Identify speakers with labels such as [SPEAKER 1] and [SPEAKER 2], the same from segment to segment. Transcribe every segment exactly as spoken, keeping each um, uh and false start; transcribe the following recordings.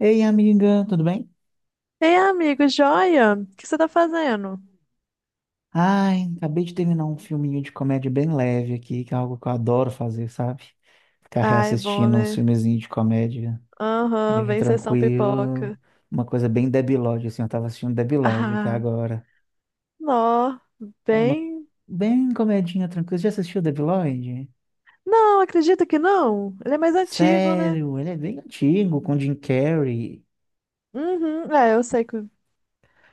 [SPEAKER 1] Ei, amiga, tudo bem?
[SPEAKER 2] Ei, amigo, joia? O que você tá fazendo?
[SPEAKER 1] Ai, acabei de terminar um filminho de comédia bem leve aqui, que é algo que eu adoro fazer, sabe? Ficar
[SPEAKER 2] Ai, bom,
[SPEAKER 1] reassistindo uns
[SPEAKER 2] né?
[SPEAKER 1] filmezinhos de comédia
[SPEAKER 2] Aham,
[SPEAKER 1] bem
[SPEAKER 2] vem sessão
[SPEAKER 1] tranquilo,
[SPEAKER 2] pipoca.
[SPEAKER 1] uma coisa bem debilóide, assim, eu tava assistindo debilóide aqui
[SPEAKER 2] Ah,
[SPEAKER 1] agora.
[SPEAKER 2] nó,
[SPEAKER 1] É uma
[SPEAKER 2] bem.
[SPEAKER 1] Bem comedinha tranquila. Você já assistiu debilóide?
[SPEAKER 2] Não, acredito que não. Ele é mais antigo, né?
[SPEAKER 1] Sério, ele é bem antigo, com Jim Carrey.
[SPEAKER 2] Uhum, é, eu sei que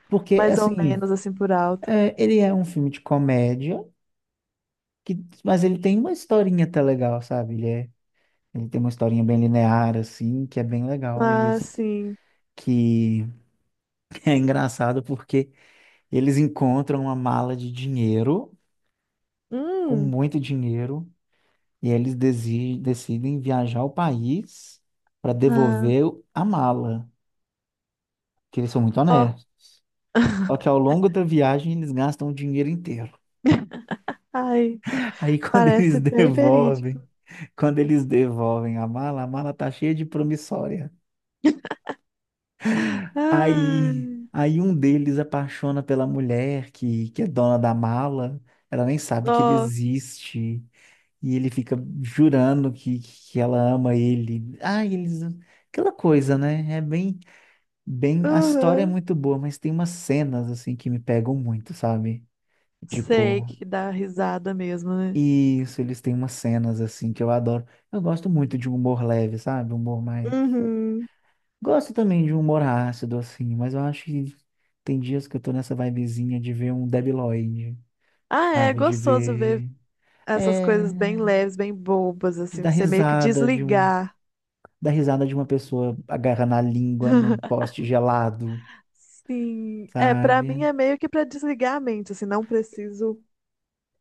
[SPEAKER 1] Porque,
[SPEAKER 2] mais ou
[SPEAKER 1] assim,
[SPEAKER 2] menos assim por alto.
[SPEAKER 1] é, ele é um filme de comédia, que, mas ele tem uma historinha até legal, sabe? Ele é Ele tem uma historinha bem linear, assim, que é bem legal.
[SPEAKER 2] Ah,
[SPEAKER 1] Eles.
[SPEAKER 2] sim.
[SPEAKER 1] Que é engraçado porque eles encontram uma mala de dinheiro, com
[SPEAKER 2] Hum,
[SPEAKER 1] muito dinheiro, e eles desi- decidem viajar ao país para
[SPEAKER 2] ah,
[SPEAKER 1] devolver a mala, que eles são muito
[SPEAKER 2] ó.
[SPEAKER 1] honestos. Só que ao longo da viagem eles gastam o dinheiro inteiro.
[SPEAKER 2] Ai,
[SPEAKER 1] Aí quando eles
[SPEAKER 2] parece bem verídico.
[SPEAKER 1] devolvem, quando eles devolvem a mala, a mala tá cheia de promissória.
[SPEAKER 2] Ai,
[SPEAKER 1] Aí, aí um deles apaixona pela mulher que, que é dona da mala, ela nem sabe que ele
[SPEAKER 2] ó,
[SPEAKER 1] existe, e ele fica jurando que, que ela ama ele. Ah, eles, aquela coisa, né? É bem, bem, a história é
[SPEAKER 2] uhum.
[SPEAKER 1] muito boa, mas tem umas cenas assim que me pegam muito, sabe?
[SPEAKER 2] Sei
[SPEAKER 1] Tipo,
[SPEAKER 2] que dá risada mesmo, né?
[SPEAKER 1] isso, eles têm umas cenas assim que eu adoro. Eu gosto muito de humor leve, sabe? Humor mais.
[SPEAKER 2] Uhum.
[SPEAKER 1] Gosto também de um humor ácido, assim, mas eu acho que tem dias que eu tô nessa vibezinha de ver um Debi Lloyd,
[SPEAKER 2] Ah, é
[SPEAKER 1] sabe? De
[SPEAKER 2] gostoso ver
[SPEAKER 1] ver.
[SPEAKER 2] essas
[SPEAKER 1] É.
[SPEAKER 2] coisas bem leves, bem bobas,
[SPEAKER 1] De
[SPEAKER 2] assim,
[SPEAKER 1] dar
[SPEAKER 2] pra você meio que
[SPEAKER 1] risada de um.
[SPEAKER 2] desligar.
[SPEAKER 1] Dar risada de uma pessoa agarrando a língua num poste gelado,
[SPEAKER 2] Sim, é, pra mim
[SPEAKER 1] sabe?
[SPEAKER 2] é meio que pra desligar a mente, assim, não preciso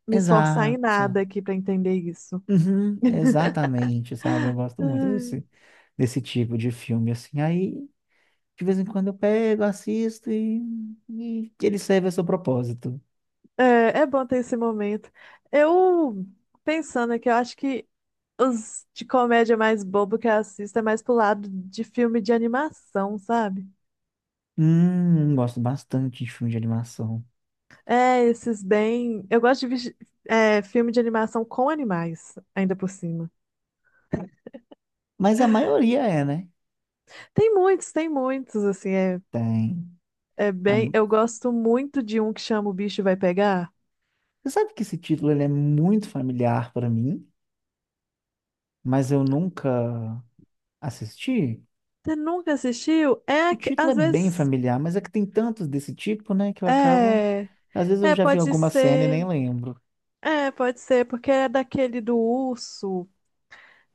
[SPEAKER 2] me esforçar em nada
[SPEAKER 1] Exato.
[SPEAKER 2] aqui pra entender isso.
[SPEAKER 1] Uhum, exatamente, sabe? Eu gosto muito
[SPEAKER 2] Ai,
[SPEAKER 1] desse, desse tipo de filme, assim. Aí, de vez em quando eu pego, assisto e, e ele serve a seu propósito.
[SPEAKER 2] É, é bom ter esse momento. Eu, pensando aqui, eu acho que os de comédia mais bobo que eu assisto é mais pro lado de filme de animação, sabe?
[SPEAKER 1] Hum, gosto bastante de filme de animação.
[SPEAKER 2] É, esses bem. Eu gosto de vesti- É, filme de animação com animais, ainda por cima.
[SPEAKER 1] Mas a maioria é, né?
[SPEAKER 2] Tem muitos, tem muitos, assim, é,
[SPEAKER 1] Tem.
[SPEAKER 2] é
[SPEAKER 1] A-
[SPEAKER 2] bem. Eu gosto muito de um que chama O Bicho Vai Pegar.
[SPEAKER 1] Você sabe que esse título ele é muito familiar para mim, mas eu nunca assisti?
[SPEAKER 2] Você nunca assistiu? É,
[SPEAKER 1] O
[SPEAKER 2] que
[SPEAKER 1] título é
[SPEAKER 2] às
[SPEAKER 1] bem
[SPEAKER 2] vezes.
[SPEAKER 1] familiar, mas é que tem tantos desse tipo, né, que eu acabo.
[SPEAKER 2] É,
[SPEAKER 1] Às vezes eu
[SPEAKER 2] é,
[SPEAKER 1] já vi
[SPEAKER 2] pode
[SPEAKER 1] alguma cena e
[SPEAKER 2] ser.
[SPEAKER 1] nem lembro.
[SPEAKER 2] É, pode ser, porque é daquele do urso.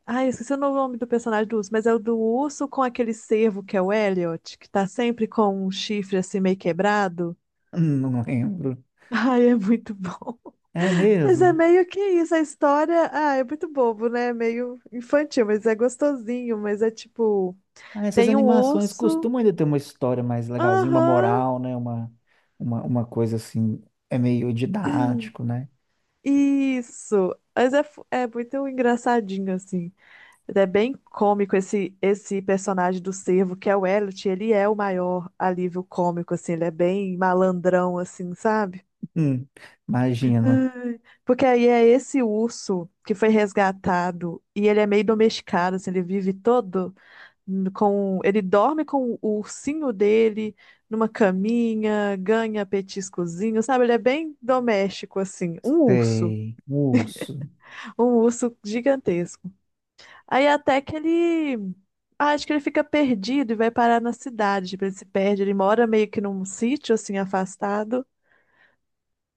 [SPEAKER 2] Ai, eu esqueci o nome do personagem do urso, mas é o do urso com aquele cervo que é o Elliot, que tá sempre com um chifre assim meio quebrado.
[SPEAKER 1] Não lembro.
[SPEAKER 2] Ai, é muito bom.
[SPEAKER 1] É
[SPEAKER 2] Mas é
[SPEAKER 1] mesmo?
[SPEAKER 2] meio que isso, a história, ah, é muito bobo, né? É meio infantil, mas é gostosinho, mas é tipo,
[SPEAKER 1] Ah, essas
[SPEAKER 2] tem um
[SPEAKER 1] animações
[SPEAKER 2] urso,
[SPEAKER 1] costumam ainda ter uma história mais legalzinha, uma
[SPEAKER 2] aham,
[SPEAKER 1] moral, né? Uma, uma, uma coisa assim, é meio didático, né?
[SPEAKER 2] isso. Mas é, fu- é muito engraçadinho, assim. É bem cômico esse, esse personagem do cervo, que é o Elliot, ele é o maior alívio cômico, assim, ele é bem malandrão, assim, sabe?
[SPEAKER 1] Hum, imagino.
[SPEAKER 2] Ai, porque aí é esse urso que foi resgatado e ele é meio domesticado, assim, ele vive todo com ele dorme com o ursinho dele numa caminha, ganha petiscozinho, sabe? Ele é bem doméstico assim, um urso,
[SPEAKER 1] Sei. Urso.
[SPEAKER 2] um urso gigantesco. Aí até que ele ah, acho que ele fica perdido e vai parar na cidade, tipo, ele se perde, ele mora meio que num sítio assim afastado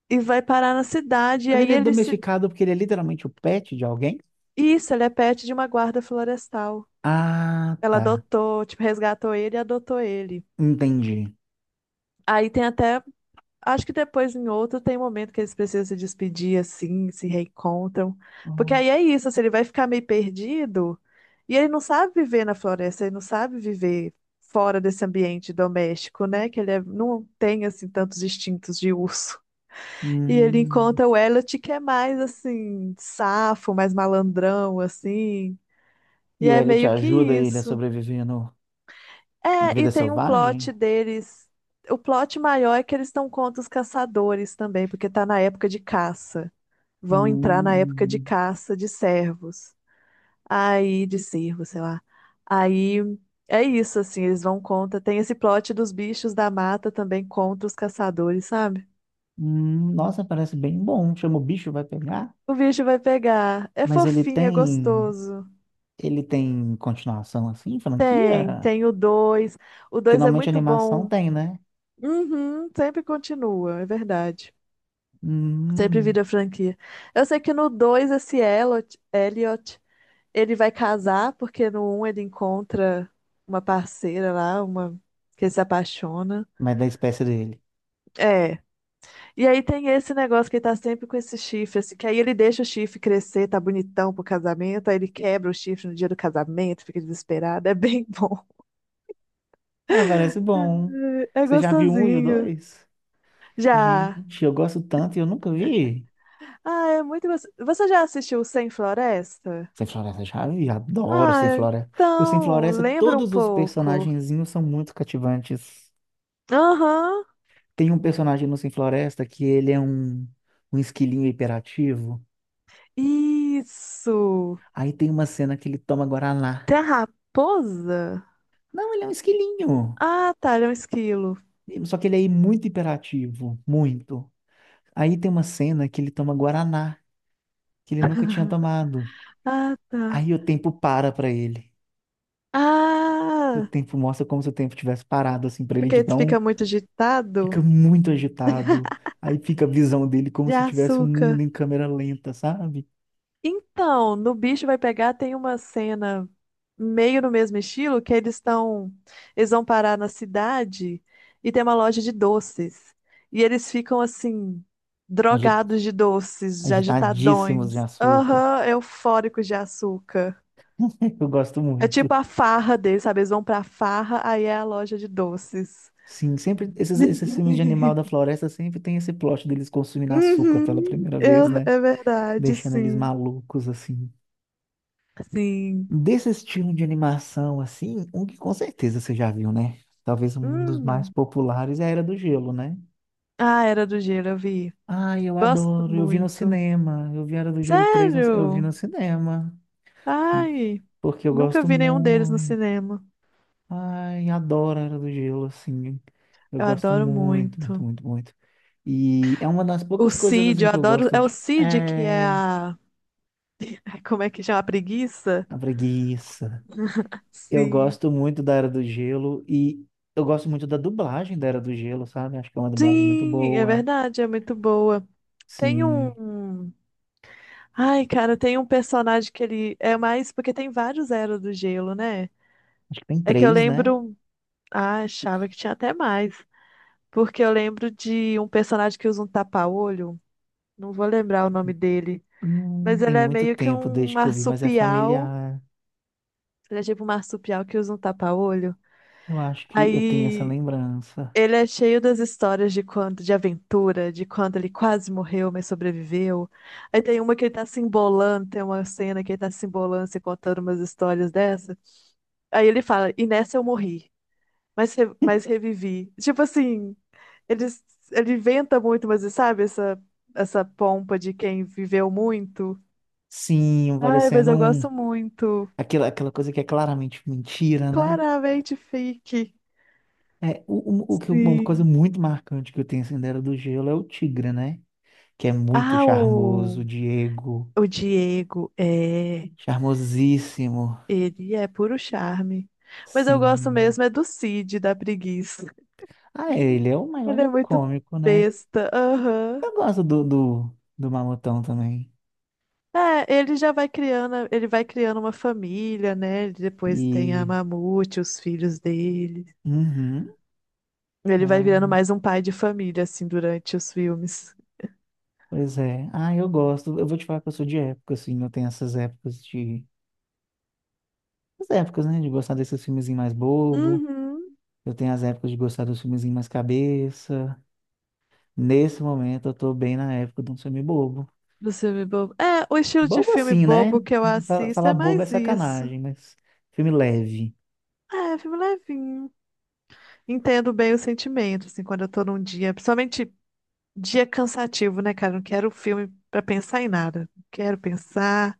[SPEAKER 2] e vai parar na cidade e
[SPEAKER 1] Mas
[SPEAKER 2] aí
[SPEAKER 1] ele é
[SPEAKER 2] ele se
[SPEAKER 1] domesticado porque ele é literalmente o pet de alguém?
[SPEAKER 2] Isso, ele é pet de uma guarda florestal.
[SPEAKER 1] Ah,
[SPEAKER 2] Ela
[SPEAKER 1] tá.
[SPEAKER 2] adotou, tipo, resgatou ele e adotou ele.
[SPEAKER 1] Entendi.
[SPEAKER 2] Aí tem até acho que depois, em outro, tem momento que eles precisam se despedir, assim, se reencontram. Porque
[SPEAKER 1] Hum.
[SPEAKER 2] aí é isso, assim, ele vai ficar meio perdido e ele não sabe viver na floresta, ele não sabe viver fora desse ambiente doméstico, né? Que ele é- não tem, assim, tantos instintos de urso. E ele
[SPEAKER 1] Hum.
[SPEAKER 2] encontra o Elliot, que é mais, assim, safo, mais malandrão, assim. E
[SPEAKER 1] E o
[SPEAKER 2] é
[SPEAKER 1] Elliot
[SPEAKER 2] meio que
[SPEAKER 1] ajuda ele a
[SPEAKER 2] isso.
[SPEAKER 1] sobreviver no, na
[SPEAKER 2] É, e
[SPEAKER 1] vida
[SPEAKER 2] tem um
[SPEAKER 1] selvagem?
[SPEAKER 2] plot deles. O plot maior é que eles estão contra os caçadores também, porque tá na época de caça. Vão entrar na época de
[SPEAKER 1] Hum.
[SPEAKER 2] caça de servos. Aí, de cervos sei lá. Aí é isso, assim, eles vão contra. Tem esse plot dos bichos da mata também contra os caçadores, sabe?
[SPEAKER 1] Hum. Nossa, parece bem bom. Chama o bicho, vai pegar.
[SPEAKER 2] O bicho vai pegar. É
[SPEAKER 1] Mas ele
[SPEAKER 2] fofinho, é
[SPEAKER 1] tem.
[SPEAKER 2] gostoso.
[SPEAKER 1] Ele tem continuação assim,
[SPEAKER 2] Tem,
[SPEAKER 1] franquia?
[SPEAKER 2] tem o dois. O
[SPEAKER 1] Que
[SPEAKER 2] dois é
[SPEAKER 1] normalmente
[SPEAKER 2] muito
[SPEAKER 1] animação
[SPEAKER 2] bom.
[SPEAKER 1] tem, né?
[SPEAKER 2] Uhum, sempre continua, é verdade. Sempre
[SPEAKER 1] Hum.
[SPEAKER 2] vira franquia. Eu sei que no dois esse Elliot, Elliot, ele vai casar, porque no um ele encontra uma parceira lá, uma que ele se apaixona.
[SPEAKER 1] Mas da espécie dele.
[SPEAKER 2] É. E aí tem esse negócio que ele tá sempre com esse chifre, assim, que aí ele deixa o chifre crescer, tá bonitão pro casamento, aí ele quebra o chifre no dia do casamento, fica desesperado, é bem bom.
[SPEAKER 1] Ah, parece bom.
[SPEAKER 2] É
[SPEAKER 1] Você já viu um e o
[SPEAKER 2] gostosinho.
[SPEAKER 1] dois?
[SPEAKER 2] Já.
[SPEAKER 1] Gente, eu gosto tanto e eu nunca vi.
[SPEAKER 2] Ah, é muito gostoso. Você já assistiu Sem Floresta?
[SPEAKER 1] Sem Floresta já, e adoro Sem
[SPEAKER 2] Ah,
[SPEAKER 1] Floresta. O Sem
[SPEAKER 2] então,
[SPEAKER 1] Floresta,
[SPEAKER 2] lembra um
[SPEAKER 1] todos os
[SPEAKER 2] pouco.
[SPEAKER 1] personagenzinhos são muito cativantes.
[SPEAKER 2] Aham,
[SPEAKER 1] Tem um personagem no Sem Floresta que ele é um, um esquilinho hiperativo.
[SPEAKER 2] isso.
[SPEAKER 1] Aí tem uma cena que ele toma Guaraná.
[SPEAKER 2] Tem a raposa?
[SPEAKER 1] Não, ele é um esquilinho.
[SPEAKER 2] Ah, tá, ele é um esquilo.
[SPEAKER 1] Só que ele é muito hiperativo, muito. Aí tem uma cena que ele toma Guaraná, que ele nunca tinha tomado.
[SPEAKER 2] Ah, tá.
[SPEAKER 1] Aí o tempo para pra ele. O
[SPEAKER 2] Ah,
[SPEAKER 1] tempo mostra como se o tempo tivesse parado, assim, pra ele
[SPEAKER 2] porque
[SPEAKER 1] de
[SPEAKER 2] ele
[SPEAKER 1] tão
[SPEAKER 2] fica muito
[SPEAKER 1] fica
[SPEAKER 2] agitado
[SPEAKER 1] muito agitado. Aí fica a visão dele como
[SPEAKER 2] de
[SPEAKER 1] se tivesse o mundo
[SPEAKER 2] açúcar.
[SPEAKER 1] em câmera lenta, sabe?
[SPEAKER 2] Então, no Bicho Vai Pegar tem uma cena meio no mesmo estilo que eles estão, eles vão parar na cidade e tem uma loja de doces. E eles ficam assim,
[SPEAKER 1] Agi-
[SPEAKER 2] drogados de doces, de
[SPEAKER 1] Agitadíssimos de
[SPEAKER 2] agitadões,
[SPEAKER 1] açúcar.
[SPEAKER 2] aham, eufóricos de açúcar.
[SPEAKER 1] Eu gosto
[SPEAKER 2] É tipo
[SPEAKER 1] muito.
[SPEAKER 2] a farra deles, sabe? Eles vão pra farra, aí é a loja de doces.
[SPEAKER 1] Sim, sempre esses, esses filmes de animal da floresta sempre tem esse plot deles consumindo açúcar pela
[SPEAKER 2] Uhum,
[SPEAKER 1] primeira vez,
[SPEAKER 2] eu-
[SPEAKER 1] né?
[SPEAKER 2] é verdade,
[SPEAKER 1] Deixando eles
[SPEAKER 2] sim.
[SPEAKER 1] malucos, assim.
[SPEAKER 2] Sim.
[SPEAKER 1] Desse estilo de animação, assim, um que com certeza você já viu, né? Talvez um dos mais
[SPEAKER 2] Hum.
[SPEAKER 1] populares é a Era do Gelo, né?
[SPEAKER 2] Ah, Era do Gelo, eu vi.
[SPEAKER 1] Ai, eu
[SPEAKER 2] Gosto
[SPEAKER 1] adoro. Eu vi no
[SPEAKER 2] muito.
[SPEAKER 1] cinema. Eu vi Era do Gelo três. No- eu vi
[SPEAKER 2] Sério?
[SPEAKER 1] no cinema.
[SPEAKER 2] Ai,
[SPEAKER 1] Porque eu
[SPEAKER 2] nunca
[SPEAKER 1] gosto
[SPEAKER 2] vi nenhum deles no
[SPEAKER 1] muito.
[SPEAKER 2] cinema.
[SPEAKER 1] Ai, adoro a Era do Gelo, assim. Eu
[SPEAKER 2] Eu
[SPEAKER 1] gosto
[SPEAKER 2] adoro
[SPEAKER 1] muito, muito,
[SPEAKER 2] muito.
[SPEAKER 1] muito, muito. E é uma das
[SPEAKER 2] O
[SPEAKER 1] poucas coisas,
[SPEAKER 2] Cid,
[SPEAKER 1] assim,
[SPEAKER 2] eu
[SPEAKER 1] que eu
[SPEAKER 2] adoro.
[SPEAKER 1] gosto
[SPEAKER 2] É o
[SPEAKER 1] de.
[SPEAKER 2] Cid que é
[SPEAKER 1] É.
[SPEAKER 2] a. Como é que chama? A preguiça?
[SPEAKER 1] A preguiça. Eu
[SPEAKER 2] Sim.
[SPEAKER 1] gosto muito da Era do Gelo e eu gosto muito da dublagem da Era do Gelo, sabe? Acho que é uma dublagem muito
[SPEAKER 2] Sim, é
[SPEAKER 1] boa.
[SPEAKER 2] verdade, é muito boa. Tem
[SPEAKER 1] Sim.
[SPEAKER 2] um. Ai, cara, tem um personagem que ele é mais. Porque tem vários Era do Gelo, né?
[SPEAKER 1] Acho que tem
[SPEAKER 2] É que eu
[SPEAKER 1] três, né?
[SPEAKER 2] lembro. Ah, achava que tinha até mais. Porque eu lembro de um personagem que usa um tapa-olho. Não vou lembrar o nome dele.
[SPEAKER 1] Hum,
[SPEAKER 2] Mas
[SPEAKER 1] tem
[SPEAKER 2] ele é
[SPEAKER 1] muito
[SPEAKER 2] meio que
[SPEAKER 1] tempo
[SPEAKER 2] um
[SPEAKER 1] desde que eu vi, mas é
[SPEAKER 2] marsupial.
[SPEAKER 1] familiar.
[SPEAKER 2] Ele é tipo um marsupial que usa um tapa-olho.
[SPEAKER 1] Eu acho que eu tenho essa
[SPEAKER 2] Aí
[SPEAKER 1] lembrança.
[SPEAKER 2] ele é cheio das histórias de quando, de aventura, de quando ele quase morreu, mas sobreviveu. Aí tem uma que ele tá se embolando, tem uma cena que ele tá se embolando, se contando umas histórias dessa. Aí ele fala, e nessa eu morri, mas, re- mas revivi. Tipo assim, ele, ele inventa muito, mas sabe essa, essa pompa de quem viveu muito?
[SPEAKER 1] Sim,
[SPEAKER 2] Ai, mas
[SPEAKER 1] parecendo
[SPEAKER 2] eu
[SPEAKER 1] um.
[SPEAKER 2] gosto muito.
[SPEAKER 1] Aquela, aquela coisa que é claramente mentira, né?
[SPEAKER 2] Claramente fake.
[SPEAKER 1] É, o, o, o que, eu- uma coisa
[SPEAKER 2] Sim.
[SPEAKER 1] muito marcante que eu tenho assim da Era do Gelo é o Tigre, né? Que é muito
[SPEAKER 2] Ah, o,
[SPEAKER 1] charmoso, o Diego.
[SPEAKER 2] o Diego é.
[SPEAKER 1] Charmosíssimo.
[SPEAKER 2] Ele é puro charme. Mas eu gosto
[SPEAKER 1] Sim.
[SPEAKER 2] mesmo é do Cid, da preguiça.
[SPEAKER 1] Ah, é, ele é o maior
[SPEAKER 2] Ele é
[SPEAKER 1] livro
[SPEAKER 2] muito
[SPEAKER 1] cômico, né?
[SPEAKER 2] besta. Aham.
[SPEAKER 1] Eu gosto do, do, do Mamutão também.
[SPEAKER 2] É, ele já vai criando, ele vai criando uma família, né? Ele depois tem a
[SPEAKER 1] E.
[SPEAKER 2] Mamute, os filhos dele.
[SPEAKER 1] Uhum.
[SPEAKER 2] Ele vai virando
[SPEAKER 1] Ah,
[SPEAKER 2] mais um pai de família, assim, durante os filmes.
[SPEAKER 1] pois é. Ah, eu gosto. Eu vou te falar que eu sou de época, assim. Eu tenho essas épocas de. As épocas, né? De gostar desses filmes mais bobo.
[SPEAKER 2] Uhum.
[SPEAKER 1] Eu tenho as épocas de gostar dos filmezinhos mais cabeça. Nesse momento, eu tô bem na época de um filme bobo.
[SPEAKER 2] Do filme bobo. É, o estilo de
[SPEAKER 1] Bobo
[SPEAKER 2] filme
[SPEAKER 1] assim, né?
[SPEAKER 2] bobo que eu
[SPEAKER 1] Fa-
[SPEAKER 2] assisto
[SPEAKER 1] Falar
[SPEAKER 2] é
[SPEAKER 1] bobo é
[SPEAKER 2] mais isso.
[SPEAKER 1] sacanagem, mas filme leve.
[SPEAKER 2] É, filme levinho. Entendo bem o sentimento, assim, quando eu tô num dia, principalmente dia cansativo, né, cara? Não quero filme pra pensar em nada. Quero pensar,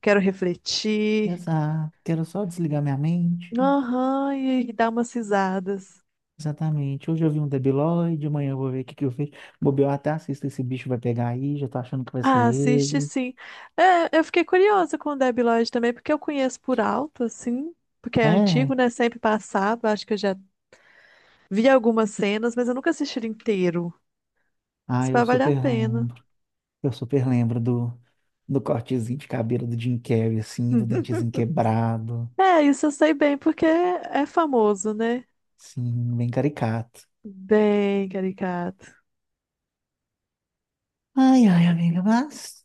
[SPEAKER 2] quero refletir.
[SPEAKER 1] Exato. Quero só desligar minha mente.
[SPEAKER 2] Aham, e, e dar umas risadas.
[SPEAKER 1] Exatamente. Hoje eu vi um Debiloid, amanhã eu vou ver o que que eu fiz. Bobear até assisto esse bicho vai pegar aí, já tô achando que vai ser
[SPEAKER 2] Ah, assiste
[SPEAKER 1] ele.
[SPEAKER 2] sim. É, eu fiquei curiosa com o Debi Lloyd também, porque eu conheço por alto, assim, porque é antigo,
[SPEAKER 1] É.
[SPEAKER 2] né? Sempre passado. Acho que eu já vi algumas cenas, mas eu nunca assisti ele inteiro.
[SPEAKER 1] Ah,
[SPEAKER 2] Isso
[SPEAKER 1] eu
[SPEAKER 2] vai valer a
[SPEAKER 1] super
[SPEAKER 2] pena.
[SPEAKER 1] lembro. Eu super lembro do, do cortezinho de cabelo do Jim Carrey, assim, do dentezinho quebrado.
[SPEAKER 2] É, isso eu sei bem, porque é famoso, né?
[SPEAKER 1] Sim, bem caricato.
[SPEAKER 2] Bem caricato.
[SPEAKER 1] Ai, ai, amiga, mas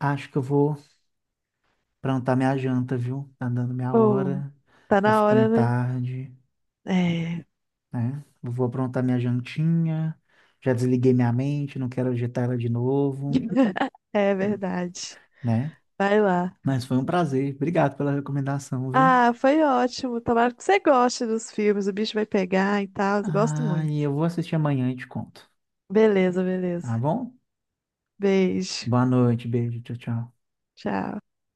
[SPEAKER 1] acho que eu vou aprontar minha janta, viu? Tá dando minha
[SPEAKER 2] Ou,
[SPEAKER 1] hora,
[SPEAKER 2] tá
[SPEAKER 1] tá
[SPEAKER 2] na
[SPEAKER 1] ficando
[SPEAKER 2] hora, né?
[SPEAKER 1] tarde,
[SPEAKER 2] É.
[SPEAKER 1] né? Eu vou aprontar minha jantinha, já desliguei minha mente, não quero agitar ela de novo,
[SPEAKER 2] É verdade.
[SPEAKER 1] né?
[SPEAKER 2] Vai lá.
[SPEAKER 1] Mas foi um prazer, obrigado pela recomendação, viu?
[SPEAKER 2] Ah, foi ótimo. Tomara que você goste dos filmes. O bicho vai pegar e tal. Eu gosto
[SPEAKER 1] Ah,
[SPEAKER 2] muito.
[SPEAKER 1] e eu vou assistir amanhã e te conto,
[SPEAKER 2] Beleza, beleza.
[SPEAKER 1] tá bom?
[SPEAKER 2] Beijo.
[SPEAKER 1] Boa noite, beijo, tchau, tchau.
[SPEAKER 2] Tchau.